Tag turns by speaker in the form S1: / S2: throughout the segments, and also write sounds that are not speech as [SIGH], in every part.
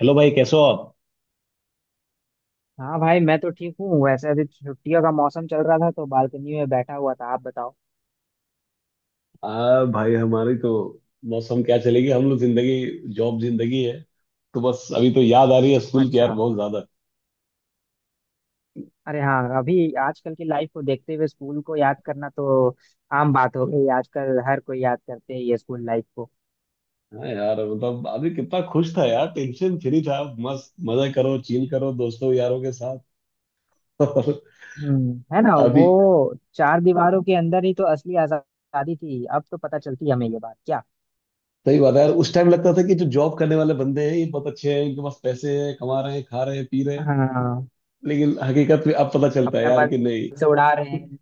S1: Hello भाई, कैसे हो आप?
S2: हाँ भाई, मैं तो ठीक हूँ। वैसे अभी छुट्टियों का मौसम चल रहा था तो बालकनी में बैठा हुआ था। आप बताओ।
S1: आ भाई, हमारी तो मौसम क्या चलेगी। हम लोग जिंदगी जॉब जिंदगी है। तो बस अभी तो याद आ रही है स्कूल की यार,
S2: अच्छा।
S1: बहुत ज्यादा।
S2: अरे हाँ, अभी आजकल की लाइफ को देखते हुए स्कूल को याद करना तो आम बात हो गई। आजकल हर कोई याद करते हैं ये स्कूल लाइफ को।
S1: हाँ यार, मतलब अभी कितना खुश था यार, टेंशन फ्री था। मस्त मजा करो, चिल करो दोस्तों यारों के साथ। [LAUGHS] और
S2: हम्म। है ना।
S1: अभी
S2: वो चार दीवारों के अंदर ही तो असली आजादी थी। अब तो पता चलती है हमें ये बात, क्या।
S1: सही बात है यार, उस टाइम लगता था कि जो जॉब करने वाले बंदे हैं ये बहुत अच्छे हैं, इनके पास पैसे हैं, कमा रहे हैं, खा रहे हैं, पी रहे हैं।
S2: हाँ।
S1: लेकिन हकीकत में अब पता चलता है
S2: अपना
S1: यार
S2: मन
S1: कि नहीं।
S2: से उड़ा रहे हैं।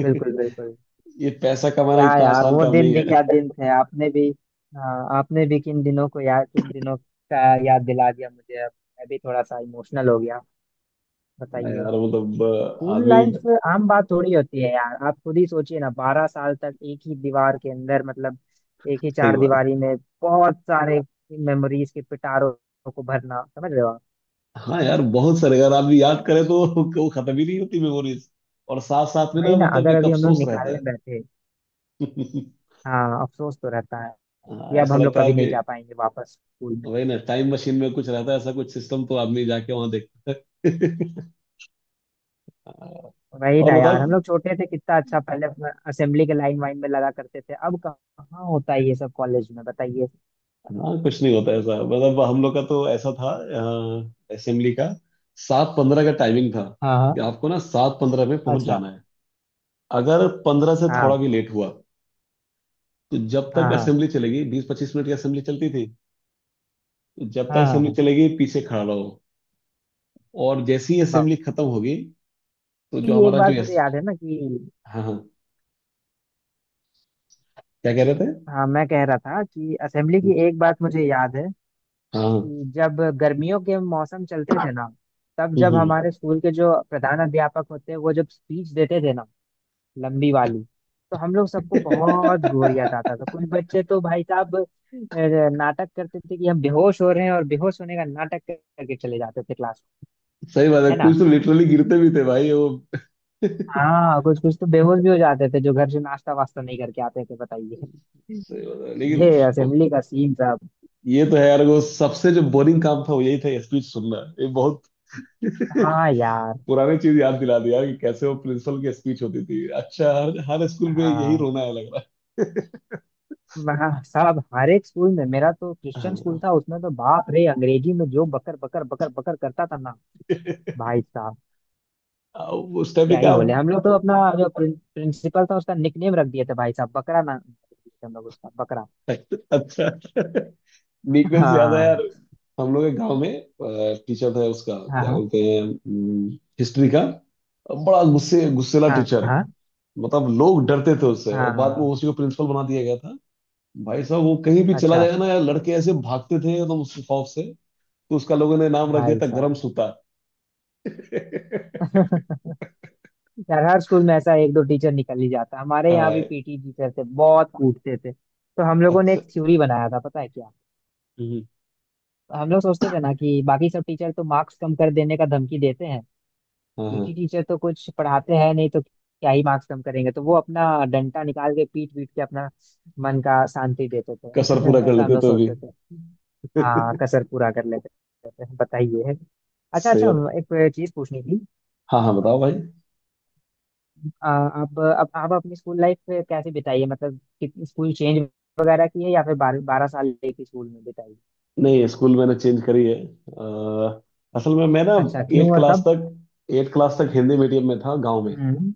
S2: बिल्कुल बिल्कुल।
S1: ये पैसा कमाना
S2: क्या
S1: इतना
S2: यार,
S1: आसान
S2: वो
S1: काम
S2: दिन
S1: नहीं
S2: भी
S1: है।
S2: क्या दिन थे। आपने भी हाँ, आपने भी किन दिनों का याद दिला दिया मुझे अब। मैं भी थोड़ा सा इमोशनल हो गया।
S1: हाँ
S2: बताइए।
S1: यार, मतलब
S2: स्कूल
S1: आदमी।
S2: लाइफ आम बात थोड़ी होती है यार। आप खुद ही सोचिए ना, 12 साल तक एक ही दीवार के अंदर, मतलब एक ही
S1: सही
S2: चार
S1: बात।
S2: दीवारी में बहुत सारे मेमोरीज के पिटारों को भरना। समझ रहे हो आप।
S1: हाँ यार, बहुत सारे अगर आदमी याद करे तो [LAUGHS] वो खत्म ही नहीं होती मेमोरीज। और साथ साथ में ना
S2: वही ना।
S1: मतलब
S2: अगर
S1: एक
S2: अभी हम लोग
S1: अफसोस रहता
S2: निकालने
S1: है।
S2: बैठे,
S1: [LAUGHS]
S2: हाँ, अफसोस तो रहता है
S1: हाँ,
S2: कि अब
S1: ऐसा
S2: हम लोग
S1: लगता है
S2: कभी
S1: यार
S2: नहीं
S1: कि
S2: जा पाएंगे वापस स्कूल।
S1: वही ना, टाइम मशीन में कुछ रहता है ऐसा, कुछ सिस्टम तो आदमी जाके वहां देखता है। [LAUGHS]
S2: वही
S1: और
S2: ना यार, हम
S1: बताओ।
S2: लोग छोटे थे कितना अच्छा। पहले अपना असेंबली के लाइन वाइन में लगा करते थे, अब कहाँ होता है ये सब कॉलेज में। बताइए।
S1: हाँ, कुछ नहीं होता ऐसा। मतलब हम लोग का तो ऐसा था, असेंबली का 7:15 का टाइमिंग था
S2: हाँ हाँ।
S1: कि आपको ना 7:15 में पहुंच
S2: अच्छा।
S1: जाना है। अगर पंद्रह से
S2: हाँ
S1: थोड़ा भी लेट हुआ तो जब तक
S2: हाँ हाँ।
S1: असेंबली चलेगी, 20-25 मिनट की असेंबली चलती थी, तो जब तक
S2: हाँ हाँ।
S1: असेंबली
S2: हाँ
S1: चलेगी पीछे खड़ा रहो। और जैसे ही
S2: बा-
S1: असेंबली खत्म होगी तो जो
S2: ये एक
S1: हमारा जो
S2: बात मुझे
S1: यस।
S2: याद है ना कि,
S1: हाँ हाँ, क्या कह रहे थे?
S2: हाँ, मैं कह रहा था कि असेंबली की एक बात मुझे याद है
S1: हाँ हाँ,
S2: कि जब गर्मियों के मौसम चलते थे ना, तब जब
S1: हम्म।
S2: हमारे स्कूल के जो प्रधान अध्यापक होते हैं वो जब स्पीच देते थे ना, लंबी वाली, तो हम लोग सबको बहुत
S1: [LAUGHS]
S2: गोरियात आता था। कुछ बच्चे तो भाई साहब नाटक करते थे कि हम बेहोश हो रहे हैं और बेहोश होने का नाटक करके चले जाते थे क्लास।
S1: सही बात है,
S2: है ना।
S1: कुछ तो लिटरली गिरते भी थे भाई वो। [LAUGHS]
S2: हाँ, कुछ कुछ तो बेहोश भी हो जाते थे, जो घर से नाश्ता वास्ता नहीं करके आते थे। बताइए।
S1: सही बात है
S2: ये
S1: लेकिन वो-
S2: असेंबली का सीन साहब।
S1: ये तो है यार, वो सबसे जो बोरिंग काम था वो यही था, स्पीच सुनना। ये बहुत
S2: हाँ
S1: [LAUGHS]
S2: यार।
S1: पुरानी चीज याद दिला दी यार, कि कैसे वो प्रिंसिपल की स्पीच होती थी। अच्छा, हर हर स्कूल में यही
S2: हाँ
S1: रोना है लग रहा है।
S2: हाँ, साहब हर एक स्कूल में। मेरा तो
S1: [LAUGHS]
S2: क्रिश्चियन स्कूल
S1: हाँ,
S2: था, उसमें तो बाप रे, अंग्रेजी में जो बकर बकर बकर बकर करता था ना भाई साहब,
S1: हाँ, उस टाइम पे
S2: क्या ही
S1: क्या।
S2: बोले। हम लोग तो अपना जो प्रिंसिपल था उसका निकनेम रख दिए थे भाई साहब, बकरा ना। हम लोग उसका बकरा।
S1: [LAUGHS] अच्छा, वीकनेस याद है यार।
S2: हाँ
S1: हम लोग के गांव में टीचर था, उसका क्या
S2: हाँ
S1: बोलते हैं, हिस्ट्री का। बड़ा गुस्से गुस्सेला
S2: हाँ
S1: टीचर,
S2: हाँ
S1: मतलब लोग डरते थे उससे। और बाद में
S2: हाँ।
S1: उसी को प्रिंसिपल बना दिया गया था। भाई साहब, वो कहीं भी चला
S2: अच्छा।
S1: जाएगा ना यार, लड़के ऐसे भागते थे एकदम उसके खौफ से। तो उसका लोगों ने नाम रख दिया
S2: भाई
S1: था गरम
S2: साहब।
S1: सूता। [LAUGHS]
S2: [LAUGHS] यार हर स्कूल में ऐसा एक दो टीचर निकल ही जाता। हमारे यहाँ भी
S1: हाँ,
S2: पीटी टीचर थे, बहुत कूटते थे तो हम लोगों ने
S1: अच्छा,
S2: एक थ्योरी बनाया था, पता है क्या।
S1: हम्म,
S2: हम लोग सोचते थे ना कि बाकी सब टीचर तो मार्क्स कम कर देने का धमकी देते हैं,
S1: हाँ
S2: पीटी
S1: हाँ,
S2: टीचर तो कुछ पढ़ाते हैं नहीं, तो क्या ही मार्क्स कम करेंगे, तो वो अपना डंडा निकाल के पीट पीट के अपना मन का शांति देते थे।
S1: कसर पूरा
S2: [LAUGHS]
S1: कर
S2: ऐसा हम
S1: लेते
S2: लोग
S1: तो भी।
S2: सोचते थे। हाँ
S1: [LAUGHS]
S2: कसर पूरा कर लेते थे। बताइए। अच्छा
S1: सही
S2: अच्छा।
S1: बात।
S2: एक चीज पूछनी थी।
S1: हाँ हाँ, बताओ भाई।
S2: आप अपनी स्कूल लाइफ कैसे बिताई है, मतलब कितनी स्कूल चेंज वगैरह की है, या फिर 12-12 साल एक ही स्कूल में बिताई।
S1: नहीं, स्कूल मैंने चेंज करी है। असल में मैं ना
S2: अच्छा, क्यों
S1: एट
S2: और
S1: क्लास
S2: कब।
S1: तक, 8th क्लास तक हिंदी मीडियम में था, गांव में।
S2: हम्म।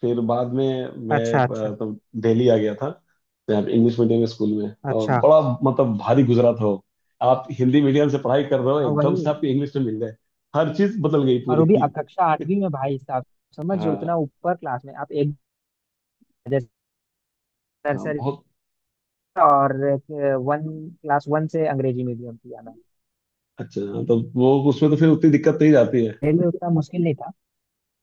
S1: फिर बाद में मैं
S2: अच्छा अच्छा
S1: तो दिल्ली आ गया था। यहाँ पे इंग्लिश मीडियम स्कूल में, और
S2: अच्छा।
S1: बड़ा मतलब भारी गुजरा था वो। आप हिंदी मीडियम से पढ़ाई कर रहे हो,
S2: हाँ,
S1: एकदम
S2: वही।
S1: से आपको इंग्लिश में मिल जाए। हर चीज बदल गई
S2: और वो भी
S1: पूरी।
S2: अब कक्षा 8वीं
S1: [LAUGHS]
S2: में भाई साहब। समझ
S1: हाँ,
S2: उतना ऊपर क्लास में आप, एक जैसे
S1: हाँ,
S2: नर्सरी
S1: बहुत।
S2: और वन, क्लास वन से अंग्रेजी मीडियम किया मैंने।
S1: अच्छा हाँ, तो वो उसमें तो फिर उतनी दिक्कत नहीं जाती है।
S2: मेरे लिए उतना मुश्किल नहीं था।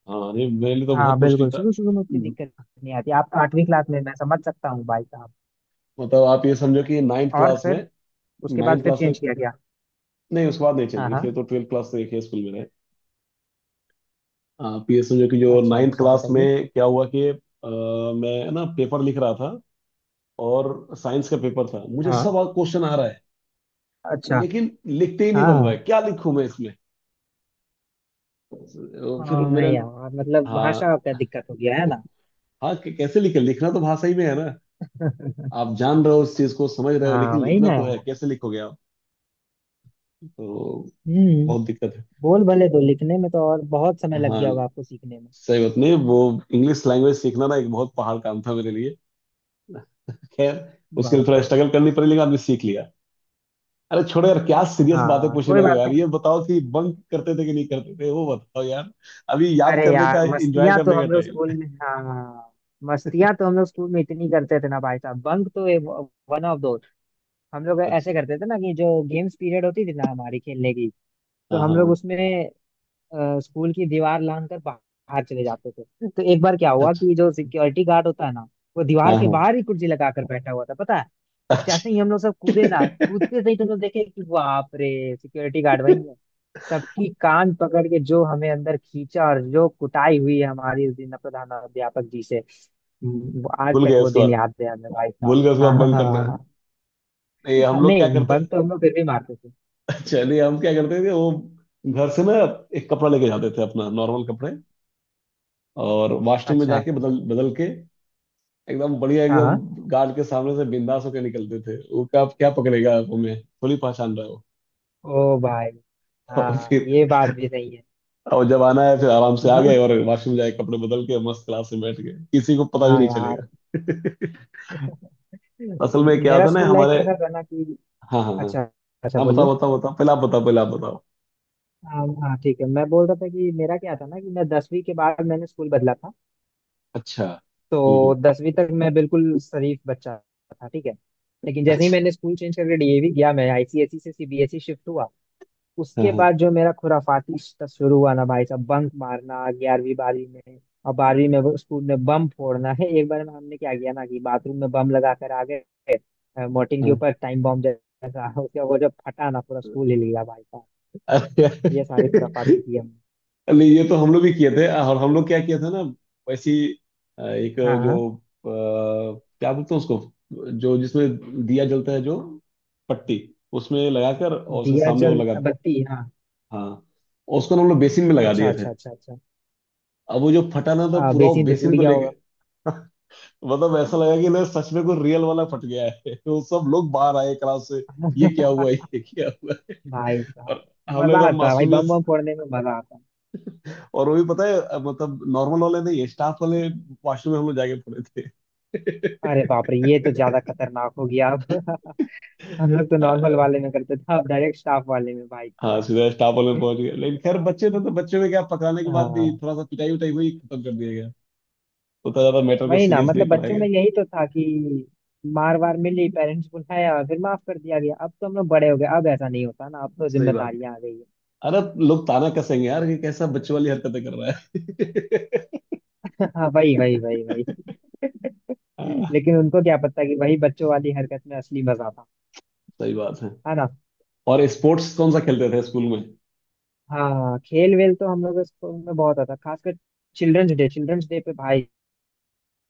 S1: हाँ, नहीं मेरे लिए तो
S2: हाँ
S1: बहुत मुश्किल
S2: बिल्कुल,
S1: था।
S2: शुरू शुरू में उतनी दिक्कत नहीं आती, आप 8वीं क्लास में, मैं समझ सकता हूँ भाई साहब।
S1: मतलब आप ये समझो कि नाइन्थ
S2: और
S1: क्लास में,
S2: फिर उसके बाद
S1: नाइन्थ
S2: फिर
S1: क्लास में।
S2: चेंज किया गया।
S1: नहीं, उसके बाद नहीं चेंज
S2: हाँ
S1: की,
S2: हाँ।
S1: फिर तो 12th क्लास तक एक ही स्कूल में रहे। पी एस एम, जो कि जो
S2: अच्छा
S1: नाइन्थ
S2: अच्छा,
S1: क्लास
S2: बताइए।
S1: में क्या हुआ कि मैं ना पेपर लिख रहा था। और साइंस का पेपर था, मुझे
S2: हाँ।
S1: सब क्वेश्चन आ रहा है,
S2: अच्छा।
S1: लेकिन लिखते ही नहीं बन रहा
S2: हाँ
S1: है, क्या लिखूं मैं इसमें।
S2: हाँ।
S1: फिर
S2: हाँ
S1: मेरे,
S2: यार, मतलब भाषा का
S1: हाँ
S2: दिक्कत हो गया है ना।
S1: हाँ, कैसे लिखे, लिखना तो भाषा ही में है ना।
S2: [LAUGHS]
S1: आप जान रहे हो उस चीज को, समझ रहे हो,
S2: हाँ
S1: लेकिन
S2: वही
S1: लिखना
S2: ना
S1: तो
S2: यार।
S1: है, कैसे लिखोगे आप। तो
S2: हम्म।
S1: बहुत दिक्कत है।
S2: बोल भले दो, लिखने में तो और बहुत समय लग
S1: हाँ,
S2: गया होगा आपको सीखने में।
S1: सही बात, नहीं वो इंग्लिश लैंग्वेज सीखना ना एक बहुत पहाड़ काम था मेरे लिए। खैर, उसके लिए
S2: बाप
S1: थोड़ा
S2: रे।
S1: स्ट्रगल करनी पड़ी, लेकिन आदमी सीख लिया। अरे छोड़ो यार, क्या सीरियस बातें
S2: हाँ
S1: पूछने
S2: कोई
S1: लगे
S2: बात।
S1: यार। ये बताओ कि बंक करते थे कि नहीं करते थे, वो बताओ यार। अभी याद
S2: अरे
S1: करने
S2: यार,
S1: का, एंजॉय करने का टाइम है।
S2: मस्तियां तो हम लोग स्कूल में इतनी करते थे ना भाई साहब, बंक तो वन ऑफ दो। हम लोग
S1: अच्छा,
S2: ऐसे करते थे ना कि जो गेम्स पीरियड होती थी ना हमारी खेलने की, तो
S1: हाँ हाँ
S2: हम लोग
S1: हाँ,
S2: उसमें स्कूल की दीवार लांग कर बाहर चले जाते थे। तो एक बार क्या हुआ
S1: अच्छा,
S2: कि जो सिक्योरिटी गार्ड होता है ना, वो
S1: हाँ
S2: दीवार के
S1: हाँ,
S2: बाहर ही कुर्सी लगा कर बैठा हुआ था, पता है। तो जैसे ही हम लोग सब कूदे ना,
S1: अच्छा।
S2: कूदते सही तो हम लोग देखे कि बाप रे, सिक्योरिटी गार्ड वही है। सबकी कान पकड़ के जो हमें अंदर खींचा और जो कुटाई हुई है हमारी उस दिन प्रधानाध्यापक जी से। वो
S1: [LAUGHS]
S2: आज
S1: भूल
S2: तक
S1: गए
S2: वो
S1: उसके
S2: दिन
S1: बाद,
S2: याद है हमें भाई साहब।
S1: भूल गए उसके
S2: हाँ
S1: बाद
S2: हाँ
S1: बंक
S2: हाँ हाँ,
S1: करना।
S2: हाँ।
S1: नहीं
S2: हाँ,
S1: हम लोग क्या
S2: नहीं,
S1: करते,
S2: बंक तो हम लोग फिर भी मारते थे।
S1: अच्छा नहीं हम क्या करते थे वो। घर से ना एक कपड़ा लेके जाते थे, अपना नॉर्मल कपड़े। और वॉशरूम में
S2: अच्छा।
S1: जाके बदल बदल के एकदम बढ़िया,
S2: हाँ हाँ।
S1: एकदम गार्ड के सामने से बिंदास होकर निकलते थे। वो क्या क्या पकड़ेगा, आप हमें थोड़ी पहचान रहे हो।
S2: ओ भाई।
S1: [LAUGHS] और
S2: हाँ, ये
S1: फिर,
S2: बात भी सही है।
S1: और जब आना है फिर आराम से आ गए,
S2: बंक।
S1: और वॉशरूम जाके कपड़े बदल के मस्त क्लास में बैठ गए, किसी को पता भी
S2: हाँ
S1: नहीं चलेगा।
S2: यार।
S1: [LAUGHS]
S2: [LAUGHS]
S1: असल में क्या
S2: मेरा
S1: होता है ना
S2: स्कूल लाइफ
S1: हमारे।
S2: कैसा था ना कि,
S1: हाँ हाँ हाँ,
S2: अच्छा अच्छा
S1: हाँ
S2: बोलिए।
S1: बताओ बताओ बताओ, पहले आप बताओ, पहले आप बताओ।
S2: हाँ हाँ, ठीक है, मैं बोल रहा था कि मेरा क्या था ना कि मैं 10वीं के बाद मैंने स्कूल बदला था।
S1: अच्छा, हम्म हम्म,
S2: तो 10वीं तक मैं बिल्कुल शरीफ बच्चा था, ठीक है। लेकिन जैसे ही
S1: अच्छा,
S2: मैंने स्कूल चेंज करके डीएवी गया, मैं आईसीएसई से सीबीएसई शिफ्ट हुआ,
S1: हाँ
S2: उसके
S1: हाँ
S2: बाद जो मेरा खुराफाती रिश्ता शुरू हुआ ना भाई साहब, बंक मारना 11वीं 12वीं में, और 12वीं में वो स्कूल में बम फोड़ना। [LAUGHS] है, एक बार में हमने क्या किया ना कि बाथरूम में बम लगा कर आ गए। मोर्टिन के
S1: हाँ।
S2: ऊपर टाइम बम जैसा। [LAUGHS] उसका वो जब फटा ना, पूरा स्कूल हिल गया भाई साहब।
S1: अरे!
S2: ये सारी खुराफाती
S1: [LAUGHS]
S2: की हमने।
S1: नहीं ये तो हम लोग भी किए थे। और हम लोग क्या किया था ना, वैसी एक,
S2: हाँ हाँ।
S1: जो क्या बोलते हैं उसको, जो जिसमें दिया जलता है जो, पट्टी, उसमें लगाकर और उसके
S2: दिया
S1: सामने वो
S2: जल
S1: लगा।
S2: बत्ती, हाँ।
S1: हाँ, और उसको ना हम लोग बेसिन में लगा
S2: अच्छा
S1: दिए थे।
S2: अच्छा अच्छा अच्छा।
S1: अब वो जो फटा ना तो पूरा वो
S2: बेसिन तो टूट
S1: बेसिन को
S2: गया
S1: लेके [LAUGHS] मतलब ऐसा लगा कि ना सच में कोई रियल वाला फट गया है। [LAUGHS] तो सब लोग बाहर आए क्लास से, ये क्या
S2: होगा।
S1: हुआ,
S2: [LAUGHS]
S1: ये क्या हुआ।
S2: भाई
S1: और
S2: साहब।
S1: हम लोग
S2: मजा
S1: एकदम
S2: आता है भाई, बम
S1: मासूमियत।
S2: बम फोड़ने में मजा आता है।
S1: और वो भी पता है मतलब नॉर्मल वाले नहीं, स्टाफ वाले वॉशरूम में हम लोग जाके पड़े थे।
S2: अरे बाप रे, ये तो ज्यादा खतरनाक हो गया अब। [LAUGHS] हम लोग तो
S1: [LAUGHS]
S2: नॉर्मल
S1: अ,
S2: वाले में करते थे, अब डायरेक्ट स्टाफ वाले में भाई
S1: हाँ,
S2: साहब।
S1: सीधा स्टाफ वाले में पहुंच गए। लेकिन खैर, बच्चे थे, तो बच्चों में क्या, पकड़ाने के बाद भी
S2: हाँ
S1: थोड़ा सा पिटाई उटाई हुई, खत्म कर दिया गया। उतना ज्यादा मैटर को
S2: वही ना,
S1: सीरियस
S2: मतलब
S1: नहीं पढ़ाया
S2: बच्चों
S1: गया।
S2: में यही तो था कि मार वार मिली, पेरेंट्स बुलाया, फिर माफ कर दिया गया। अब तो हम लोग बड़े हो गए, अब ऐसा नहीं होता ना, अब तो
S1: सही बात।
S2: जिम्मेदारियां आ गई है।
S1: अरे, लोग ताना कसेंगे यार कि कैसा बच्चों वाली हरकतें कर रहा है।
S2: [LAUGHS] हाँ वही वही वही वही।
S1: [LAUGHS]
S2: [LAUGHS]
S1: हाँ,
S2: लेकिन उनको क्या पता कि वही बच्चों वाली हरकत में असली मजा था।
S1: सही बात है।
S2: है ना।
S1: और स्पोर्ट्स कौन सा खेलते थे स्कूल में?
S2: हाँ, खेल वेल तो हम लोग स्कूल में बहुत आता, खासकर चिल्ड्रंस डे। चिल्ड्रंस डे पे भाई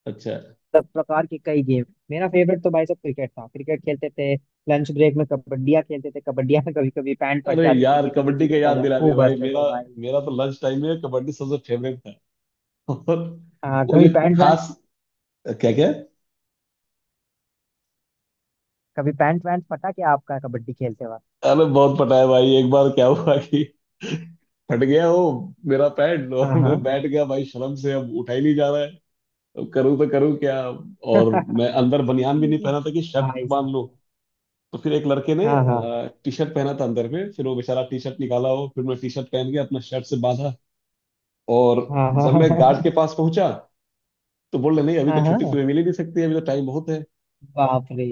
S1: अच्छा।
S2: सब प्रकार के कई गेम। मेरा फेवरेट तो भाई सब क्रिकेट था, क्रिकेट खेलते थे। लंच ब्रेक में कबड्डिया खेलते थे, कबड्डिया में कभी कभी पैंट फट
S1: अरे
S2: जाती थी
S1: यार,
S2: किसी
S1: कबड्डी
S2: किसी
S1: का
S2: का, तो हम
S1: याद
S2: लोग
S1: दिला दे
S2: खूब
S1: भाई।
S2: हंसते
S1: मेरा,
S2: थे भाई।
S1: मेरा तो लंच टाइम में कबड्डी सबसे फेवरेट था। [LAUGHS] और
S2: हाँ
S1: वो
S2: कभी
S1: जो
S2: पैंट वैंट।
S1: खास, क्या क्या।
S2: कभी पैंट वैंट फटा क्या आपका कबड्डी खेलते वक्त।
S1: अरे बहुत, पता है भाई एक बार क्या हुआ कि फट गया वो, मेरा पैड। और
S2: हाँ
S1: मैं
S2: हाँ।
S1: बैठ गया भाई शर्म से, अब उठा ही नहीं जा रहा है, अब करूँ तो करूँ क्या। और मैं अंदर बनियान भी नहीं
S2: [LAUGHS]
S1: पहना था कि शर्ट
S2: भाई
S1: बांध
S2: साहब।
S1: लूं। तो फिर एक लड़के ने
S2: हाँ हाँ
S1: टी शर्ट पहना था अंदर में, फिर वो बेचारा टी शर्ट निकाला हो, फिर मैं टी शर्ट पहन के अपना शर्ट से बांधा। और
S2: हाँ हाँ
S1: जब मैं
S2: हाँ
S1: गार्ड के पास पहुंचा तो बोल रहे नहीं, अभी
S2: हाँ
S1: तो
S2: हाँ। हाँ,
S1: छुट्टी तुम्हें
S2: हाँ।
S1: मिल ही नहीं सकती, अभी तो टाइम बहुत है।
S2: बाप रे।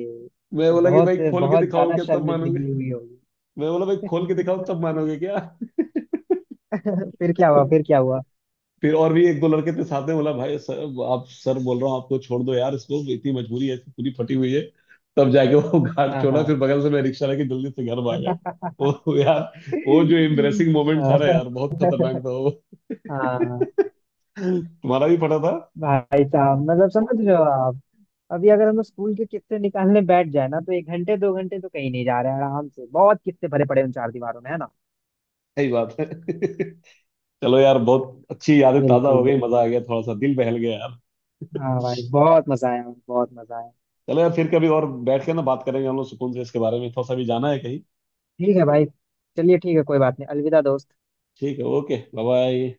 S1: मैं
S2: तो
S1: बोला कि भाई
S2: बहुत
S1: खोल के
S2: बहुत
S1: दिखाओ
S2: ज्यादा
S1: क्या, तब मानोगे?
S2: शर्मिंदगी हुई होगी।
S1: मैं बोला भाई खोल के दिखाओ तब मानोगे क्या?
S2: [LAUGHS] फिर क्या हुआ, फिर क्या हुआ।
S1: फिर और भी एक दो लड़के थे साथ में, बोला भाई सर, आप सर बोल रहा हूँ आपको, छोड़ दो यार इसको, इतनी मजबूरी है, इसकी पूरी फटी हुई है। तब जाके वो [LAUGHS] घाट
S2: हाँ
S1: छोड़ा, फिर
S2: हाँ।
S1: बगल से मैं रिक्शा लेके जल्दी से घर भागा।
S2: [LAUGHS]
S1: वो यार, वो जो एम्बरेसिंग मोमेंट था ना यार, बहुत खतरनाक था वो।
S2: हाँ
S1: तुम्हारा भी फटा था।
S2: भाई साहब, मतलब समझ रहे हो आप। अभी अगर हम लोग स्कूल के किस्से निकालने बैठ जाए ना, तो 1 घंटे 2 घंटे तो कहीं नहीं जा रहे हैं, आराम से बहुत किस्से भरे पड़े हैं उन चार दीवारों में। है ना।
S1: सही बात है। [LAUGHS] चलो यार, बहुत अच्छी यादें ताजा
S2: बिल्कुल
S1: हो गई,
S2: बिल्कुल।
S1: मजा आ गया, थोड़ा सा दिल बहल गया यार।
S2: हाँ भाई, बहुत मजा आया। बहुत मजा आया।
S1: चलो यार, फिर कभी और बैठ के ना बात करेंगे हम लोग सुकून से, इसके बारे में थोड़ा सा भी जाना है कहीं।
S2: ठीक है भाई। चलिए ठीक है कोई बात नहीं। अलविदा दोस्त।
S1: ठीक है, ओके, बाय बाय।